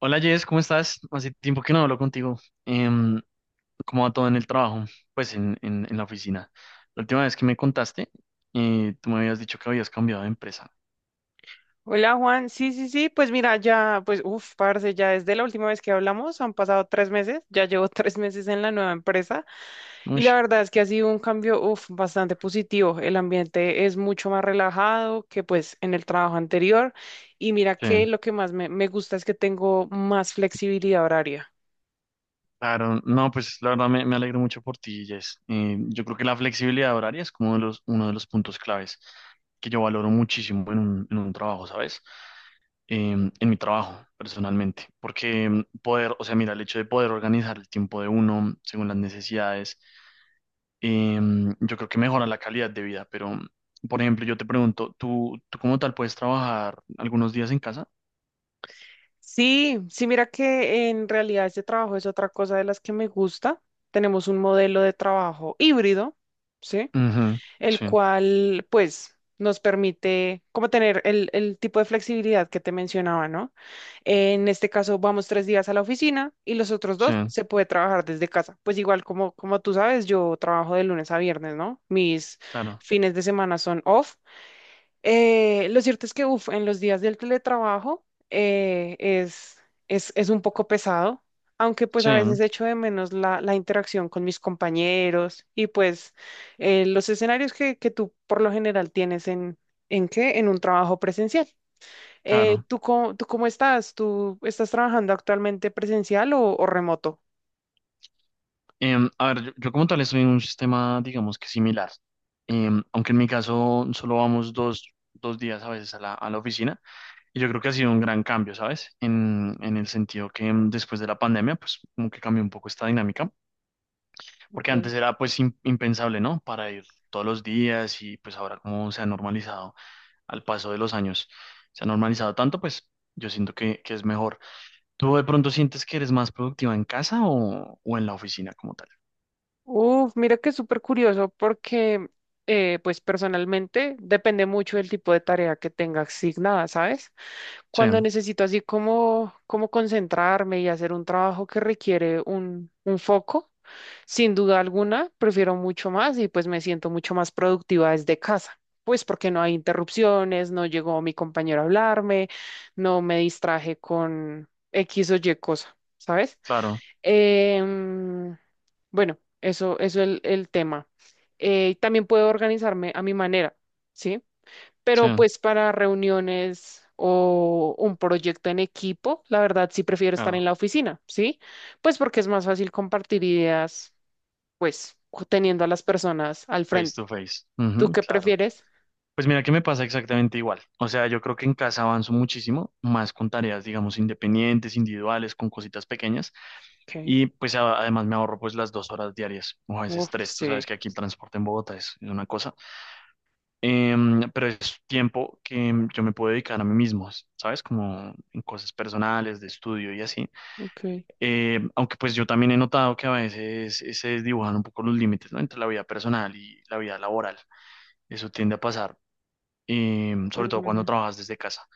Hola Jess, ¿cómo estás? Hace tiempo que no hablo contigo. Em, ¿cómo va todo en el trabajo? Pues en la oficina. La última vez que me contaste, tú me habías dicho que habías cambiado de empresa. Hola Juan, sí, sí, sí, pues mira, ya, pues, uff, parce, ya desde la última vez que hablamos, han pasado 3 meses, ya llevo 3 meses en la nueva empresa, y la Ush, verdad es que ha sido un cambio, uff, bastante positivo. El ambiente es mucho más relajado que pues en el trabajo anterior, y mira sí. que lo que más me gusta es que tengo más flexibilidad horaria. Claro, no, pues la verdad me alegro mucho por ti, Jess. Yo creo que la flexibilidad horaria es como uno de los puntos claves que yo valoro muchísimo en un trabajo, ¿sabes? En mi trabajo personalmente, porque poder, o sea, mira, el hecho de poder organizar el tiempo de uno según las necesidades, yo creo que mejora la calidad de vida, pero, por ejemplo, yo te pregunto, ¿tú como tal puedes trabajar algunos días en casa? Sí, sí, mira que en realidad este trabajo es otra cosa de las que me gusta. Tenemos un modelo de trabajo híbrido, ¿sí? Ujú, El sí, cual pues nos permite como tener el tipo de flexibilidad que te mencionaba, ¿no? En este caso vamos 3 días a la oficina y los otros sí, dos se puede trabajar desde casa. Pues igual como, como tú sabes, yo trabajo de lunes a viernes, ¿no? Mis claro, fines de semana son off. Lo cierto es que, uf, en los días del teletrabajo es un poco pesado, aunque pues sí, a veces echo de menos la interacción con mis compañeros y pues los escenarios que tú por lo general tienes ¿en qué? En un trabajo presencial. Claro. ¿Tú cómo estás? ¿Tú estás trabajando actualmente presencial o remoto? A ver, yo como tal estoy en un sistema, digamos que similar. Aunque en mi caso solo vamos dos días a veces a la oficina, y yo creo que ha sido un gran cambio, ¿sabes? En el sentido que después de la pandemia, pues como que cambió un poco esta dinámica. Porque Ok. antes era pues impensable, ¿no? Para ir todos los días, y pues ahora, como se ha normalizado al paso de los años, se ha normalizado tanto, pues yo siento que es mejor. ¿Tú de pronto sientes que eres más productiva en casa o en la oficina como tal? Uf, mira que es súper curioso porque, pues personalmente depende mucho del tipo de tarea que tenga asignada, ¿sabes? Sí, Cuando necesito así como concentrarme y hacer un trabajo que requiere un foco, sin duda alguna, prefiero mucho más y pues me siento mucho más productiva desde casa. Pues porque no hay interrupciones, no llegó mi compañero a hablarme, no me distraje con X o Y cosa, ¿sabes? claro, Em, bueno, eso es el tema. También puedo organizarme a mi manera, ¿sí? sí, Pero pues para reuniones o un proyecto en equipo, la verdad sí prefiero estar en claro, la oficina, ¿sí? Pues porque es más fácil compartir ideas, pues teniendo a las personas al face frente. to face, ¿Tú ujú, qué claro. prefieres? Pues mira que me pasa exactamente igual. O sea, yo creo que en casa avanzo muchísimo más con tareas, digamos, independientes, individuales, con cositas pequeñas. Okay. Y pues además me ahorro pues las 2 horas diarias o a veces Uf, tres. Tú sabes sí. que aquí el transporte en Bogotá es una cosa. Pero es tiempo que yo me puedo dedicar a mí mismo, ¿sabes? Como en cosas personales, de estudio y así. Okay. Aunque pues yo también he notado que a veces se desdibujan un poco los límites, ¿no? Entre la vida personal y la vida laboral. Eso tiende a pasar, sobre todo cuando Ujú. trabajas desde casa.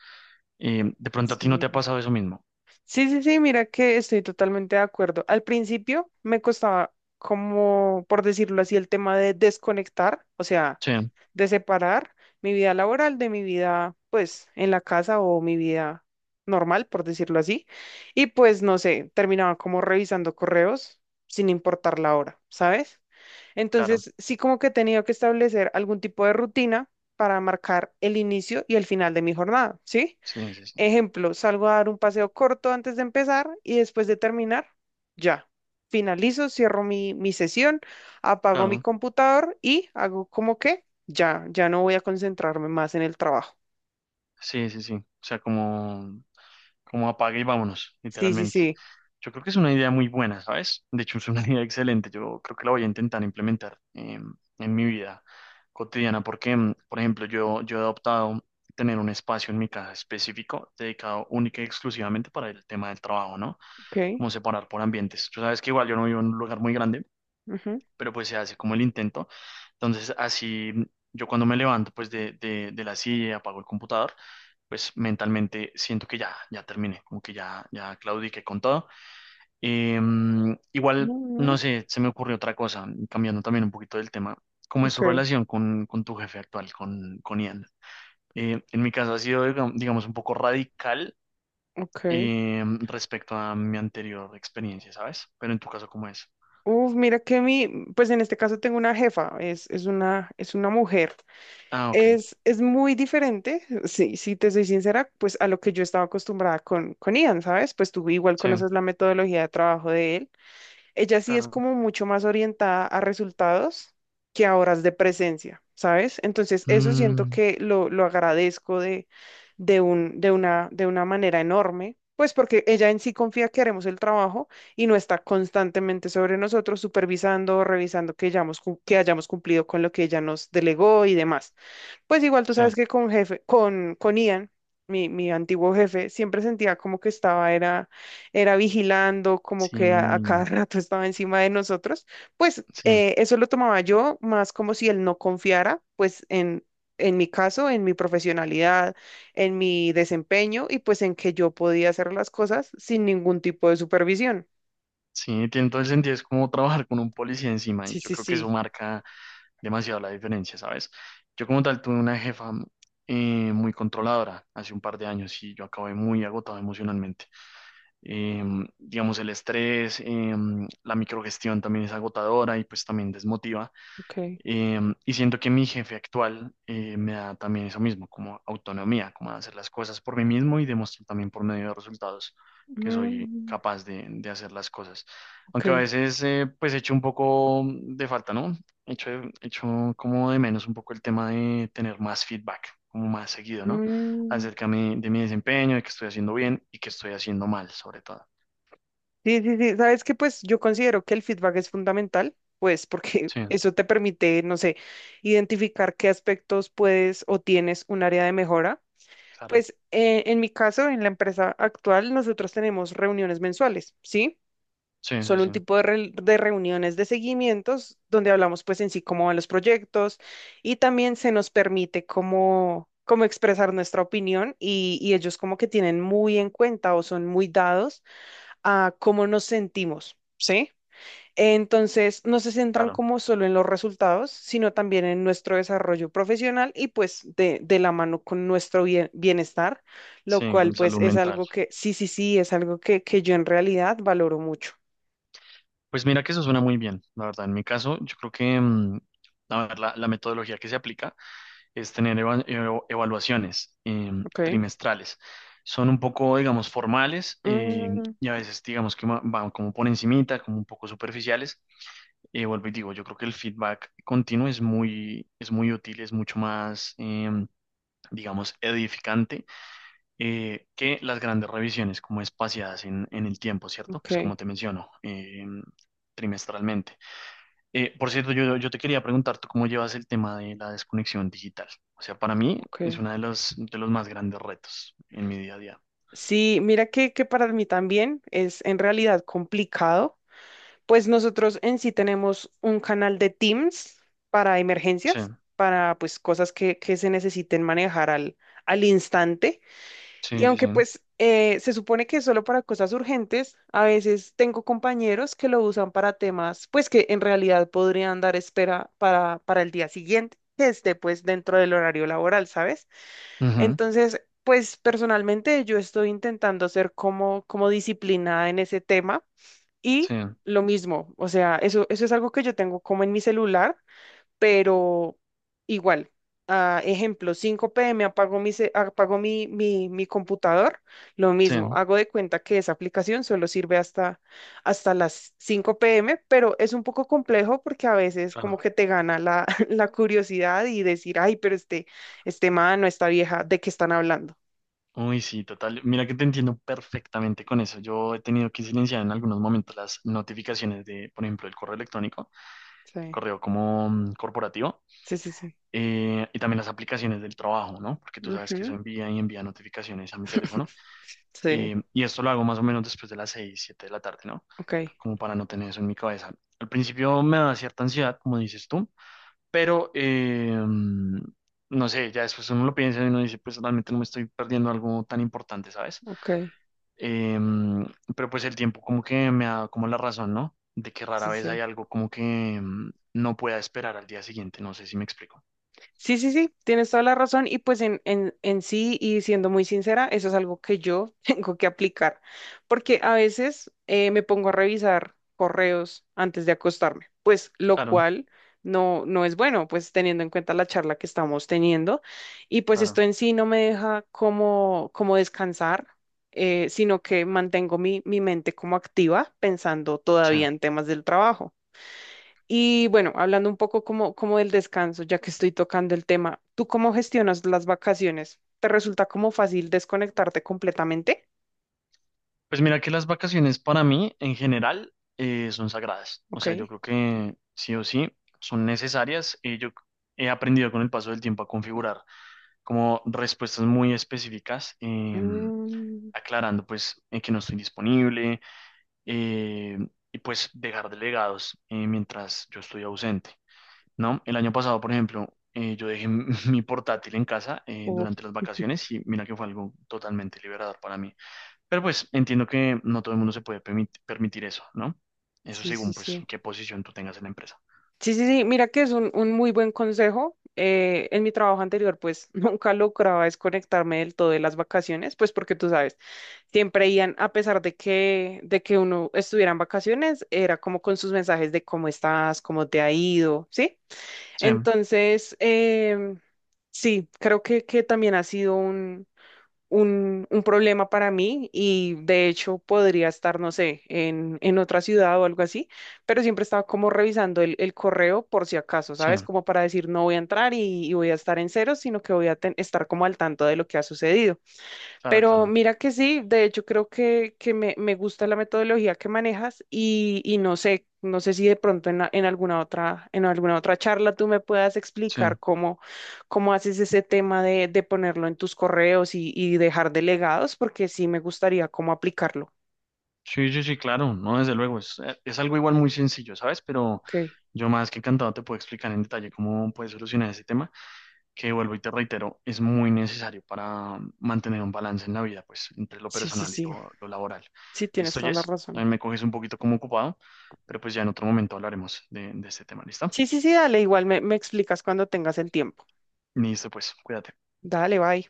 De pronto a ti no te ha Sí. pasado eso mismo. Sí, sí, sí, mira que estoy totalmente de acuerdo. Al principio me costaba como, por decirlo así, el tema de desconectar, o sea, Sí, de separar mi vida laboral de mi vida, pues, en la casa o mi vida normal, por decirlo así. Y pues, no sé, terminaba como revisando correos sin importar la hora, ¿sabes? claro. Entonces, sí como que he tenido que establecer algún tipo de rutina para marcar el inicio y el final de mi jornada, ¿sí? Sí, sí, sí. Ejemplo, salgo a dar un paseo corto antes de empezar y después de terminar, ya. Finalizo, cierro mi sesión, apago mi Claro. computador y hago como que ya, ya no voy a concentrarme más en el trabajo. Sí, sí, sí. O sea, como apague y vámonos, Sí, sí, literalmente. sí. Yo creo que es una idea muy buena, ¿sabes? De hecho, es una idea excelente. Yo creo que la voy a intentar implementar en mi vida cotidiana porque, por ejemplo, yo he adoptado tener un espacio en mi casa específico dedicado única y exclusivamente para el tema del trabajo, ¿no? Ok. Como separar por ambientes. Tú sabes que igual yo no vivo en un lugar muy grande, Ujú, pero pues se hace como el intento. Entonces, así yo, cuando me levanto pues de la silla y apago el computador, pues mentalmente siento que ya, ya terminé, como que ya, ya claudiqué con todo. Eh, igual, no ujú. sé, se me ocurrió otra cosa, cambiando también un poquito del tema. ¿Cómo es Ok, su relación con tu jefe actual, con Ian? En mi caso ha sido, digamos, un poco radical ok. Respecto a mi anterior experiencia, ¿sabes? Pero en tu caso, ¿cómo es? Uf, mira que pues en este caso tengo una jefa, es una mujer. Ah, ok, Es muy diferente, sí, si te soy sincera, pues a lo que yo estaba acostumbrada con Ian, ¿sabes? Pues tú igual sí, conoces la metodología de trabajo de él. Ella sí es claro. como mucho más orientada a resultados que a horas de presencia, ¿sabes? Entonces eso siento que lo agradezco de una manera enorme, pues porque ella en sí confía que haremos el trabajo y no está constantemente sobre nosotros supervisando, revisando que hayamos cumplido con lo que ella nos delegó y demás. Pues igual tú Sí, sabes que con Ian, mi antiguo jefe, siempre sentía como que era vigilando, como que a sí, cada rato estaba encima de nosotros. Pues sí, eso lo tomaba yo más como si él no confiara, pues en mi caso, en mi profesionalidad, en mi desempeño y pues en que yo podía hacer las cosas sin ningún tipo de supervisión. sí, tiene todo el sentido. Es como trabajar con un policía encima y Sí, yo sí, creo que eso sí. marca demasiado la diferencia, ¿sabes? Yo como tal tuve una jefa muy controladora hace un par de años y yo acabé muy agotado emocionalmente. Eh, digamos, el estrés, la microgestión también es agotadora y pues también desmotiva. Ok. Y siento que mi jefe actual me da también eso mismo, como autonomía, como de hacer las cosas por mí mismo y demostrar también por medio de resultados que soy Mm, capaz de hacer las cosas. ok. Aunque a veces pues echo un poco de falta, ¿no? Echo, echo como de menos un poco el tema de tener más feedback, como más seguido, ¿no? Mm. Acerca de mi desempeño, de que estoy haciendo bien y que estoy haciendo mal, sobre todo. Sí, sí, sí. Sabes que pues yo considero que el feedback es fundamental, pues porque Sí, eso te permite, no sé, identificar qué aspectos puedes o tienes un área de mejora. claro. Pues en mi caso, en la empresa actual, nosotros tenemos reuniones mensuales, ¿sí? Sí, sí, Son sí, un tipo de reuniones de seguimientos donde hablamos pues en sí cómo van los proyectos, y también se nos permite como expresar nuestra opinión y ellos como que tienen muy en cuenta o son muy dados a cómo nos sentimos, ¿sí? Entonces, no se centran claro. como solo en los resultados, sino también en nuestro desarrollo profesional y pues de la mano con nuestro bienestar, lo Sí, cual con pues salud es mental. algo que, sí, sí, sí, es algo que yo en realidad valoro mucho. Pues mira que eso suena muy bien, la verdad. En mi caso, yo creo que a ver, la metodología que se aplica es tener evaluaciones Okay. trimestrales. Son un poco, digamos, formales, Mm, y a veces, digamos, que van como por encimita, como un poco superficiales. Vuelvo y digo, yo creo que el feedback continuo es muy útil, es mucho más, digamos, edificante que las grandes revisiones, como espaciadas en el tiempo, ¿cierto? Pues como ok, te menciono. Trimestralmente. Por cierto, yo te quería preguntar, ¿tú cómo llevas el tema de la desconexión digital? O sea, para mí es ok. uno de los más grandes retos en mi día a día. Sí, mira que para mí también es en realidad complicado. Pues nosotros en sí tenemos un canal de Teams para Sí, emergencias, para pues cosas que se necesiten manejar al instante. Y sí, sí, aunque sí. pues se supone que es solo para cosas urgentes, a veces tengo compañeros que lo usan para temas pues que en realidad podrían dar espera para el día siguiente, que esté pues dentro del horario laboral, ¿sabes? Ujú, Entonces, pues personalmente yo estoy intentando ser como disciplinada en ese tema sí, y lo mismo, o sea, eso es algo que yo tengo como en mi celular, pero igual. Ah, ejemplo, 5 p. m. apago mi, ce- apago mi, mi, mi computador, lo sí, mismo, hago de cuenta que esa aplicación solo sirve hasta las 5 p. m., pero es un poco complejo porque a veces como claro. que te gana la, la curiosidad y decir, ay, pero este man o esta vieja, ¿de qué están hablando? Uy, sí, total. Mira que te entiendo perfectamente con eso. Yo he tenido que silenciar en algunos momentos las notificaciones de, por ejemplo, el correo electrónico, el Sí, correo como corporativo, sí, sí, sí. Y también las aplicaciones del trabajo, ¿no? Porque tú sabes que eso Ujú. envía y envía notificaciones a mi teléfono. Sí, Y esto lo hago más o menos después de las 6 7 de la tarde, ¿no? ok, Como para no tener eso en mi cabeza. Al principio me da cierta ansiedad, como dices tú, pero no sé, ya después uno lo piensa y uno dice, pues realmente no me estoy perdiendo algo tan importante, ¿sabes? ok, Eh, mm, pero pues el tiempo como que me da como la razón, ¿no? De que rara sí, vez hay sí. algo como que no pueda esperar al día siguiente, no sé si me explico. Sí, sí, sí, tienes toda la razón, y pues en, en sí y siendo muy sincera, eso es algo que yo tengo que aplicar, porque a veces me pongo a revisar correos antes de acostarme, pues lo Claro, cual no, no es bueno, pues teniendo en cuenta la charla que estamos teniendo y pues esto claro, en sí no me deja como descansar, sino que mantengo mi mente como activa pensando sí. todavía en temas del trabajo. Y bueno, hablando un poco como del descanso, ya que estoy tocando el tema, ¿tú cómo gestionas las vacaciones? ¿Te resulta como fácil desconectarte completamente? Pues mira que las vacaciones para mí en general son sagradas. O Ok. sea, yo creo que sí o sí son necesarias y yo he aprendido con el paso del tiempo a configurar como respuestas muy específicas, Mm, aclarando pues en que no estoy disponible, eh, y pues dejar delegados mientras yo estoy ausente, ¿no? El año pasado, por ejemplo, yo dejé mi portátil en casa uf, durante las vacaciones y mira que fue algo totalmente liberador para mí. Pero pues entiendo que no todo el mundo se puede permitir eso, ¿no? Eso sí, sí, según pues sí. qué posición tú tengas en la empresa. Sí, sí, sí, mira que es un muy buen consejo. En mi trabajo anterior, pues nunca lograba desconectarme del todo de las vacaciones, pues porque tú sabes, siempre iban, a pesar de que uno estuviera en vacaciones, era como con sus mensajes de cómo estás, cómo te ha ido, ¿sí? Sí, Entonces, sí, creo que también ha sido un problema para mí, y de hecho podría estar, no sé, en otra ciudad o algo así, pero siempre estaba como revisando el correo por si acaso, sí, ¿sabes? Como para decir no voy a entrar y voy a estar en cero, sino que voy a estar como al tanto de lo que ha sucedido. claro, Pero claro. mira que sí, de hecho creo que me gusta la metodología que manejas y no sé si de pronto en alguna otra charla tú me puedas Sí, explicar cómo haces ese tema de ponerlo en tus correos y dejar delegados, porque sí me gustaría cómo aplicarlo. sí, sí, sí, claro, no, desde luego, es algo igual muy sencillo, ¿sabes? Pero Ok, yo más que encantado te puedo explicar en detalle cómo puedes solucionar ese tema, que vuelvo y te reitero, es muy necesario para mantener un balance en la vida, pues, entre lo sí, sí, personal y sí, lo laboral. sí, tienes ¿Listo, toda la Jess? razón. También me coges un poquito como ocupado, pero pues ya en otro momento hablaremos de este tema, ¿listo? Sí, sí, sí, dale, igual me explicas cuando tengas el tiempo. Listo, pues, cuídate. Dale, bye.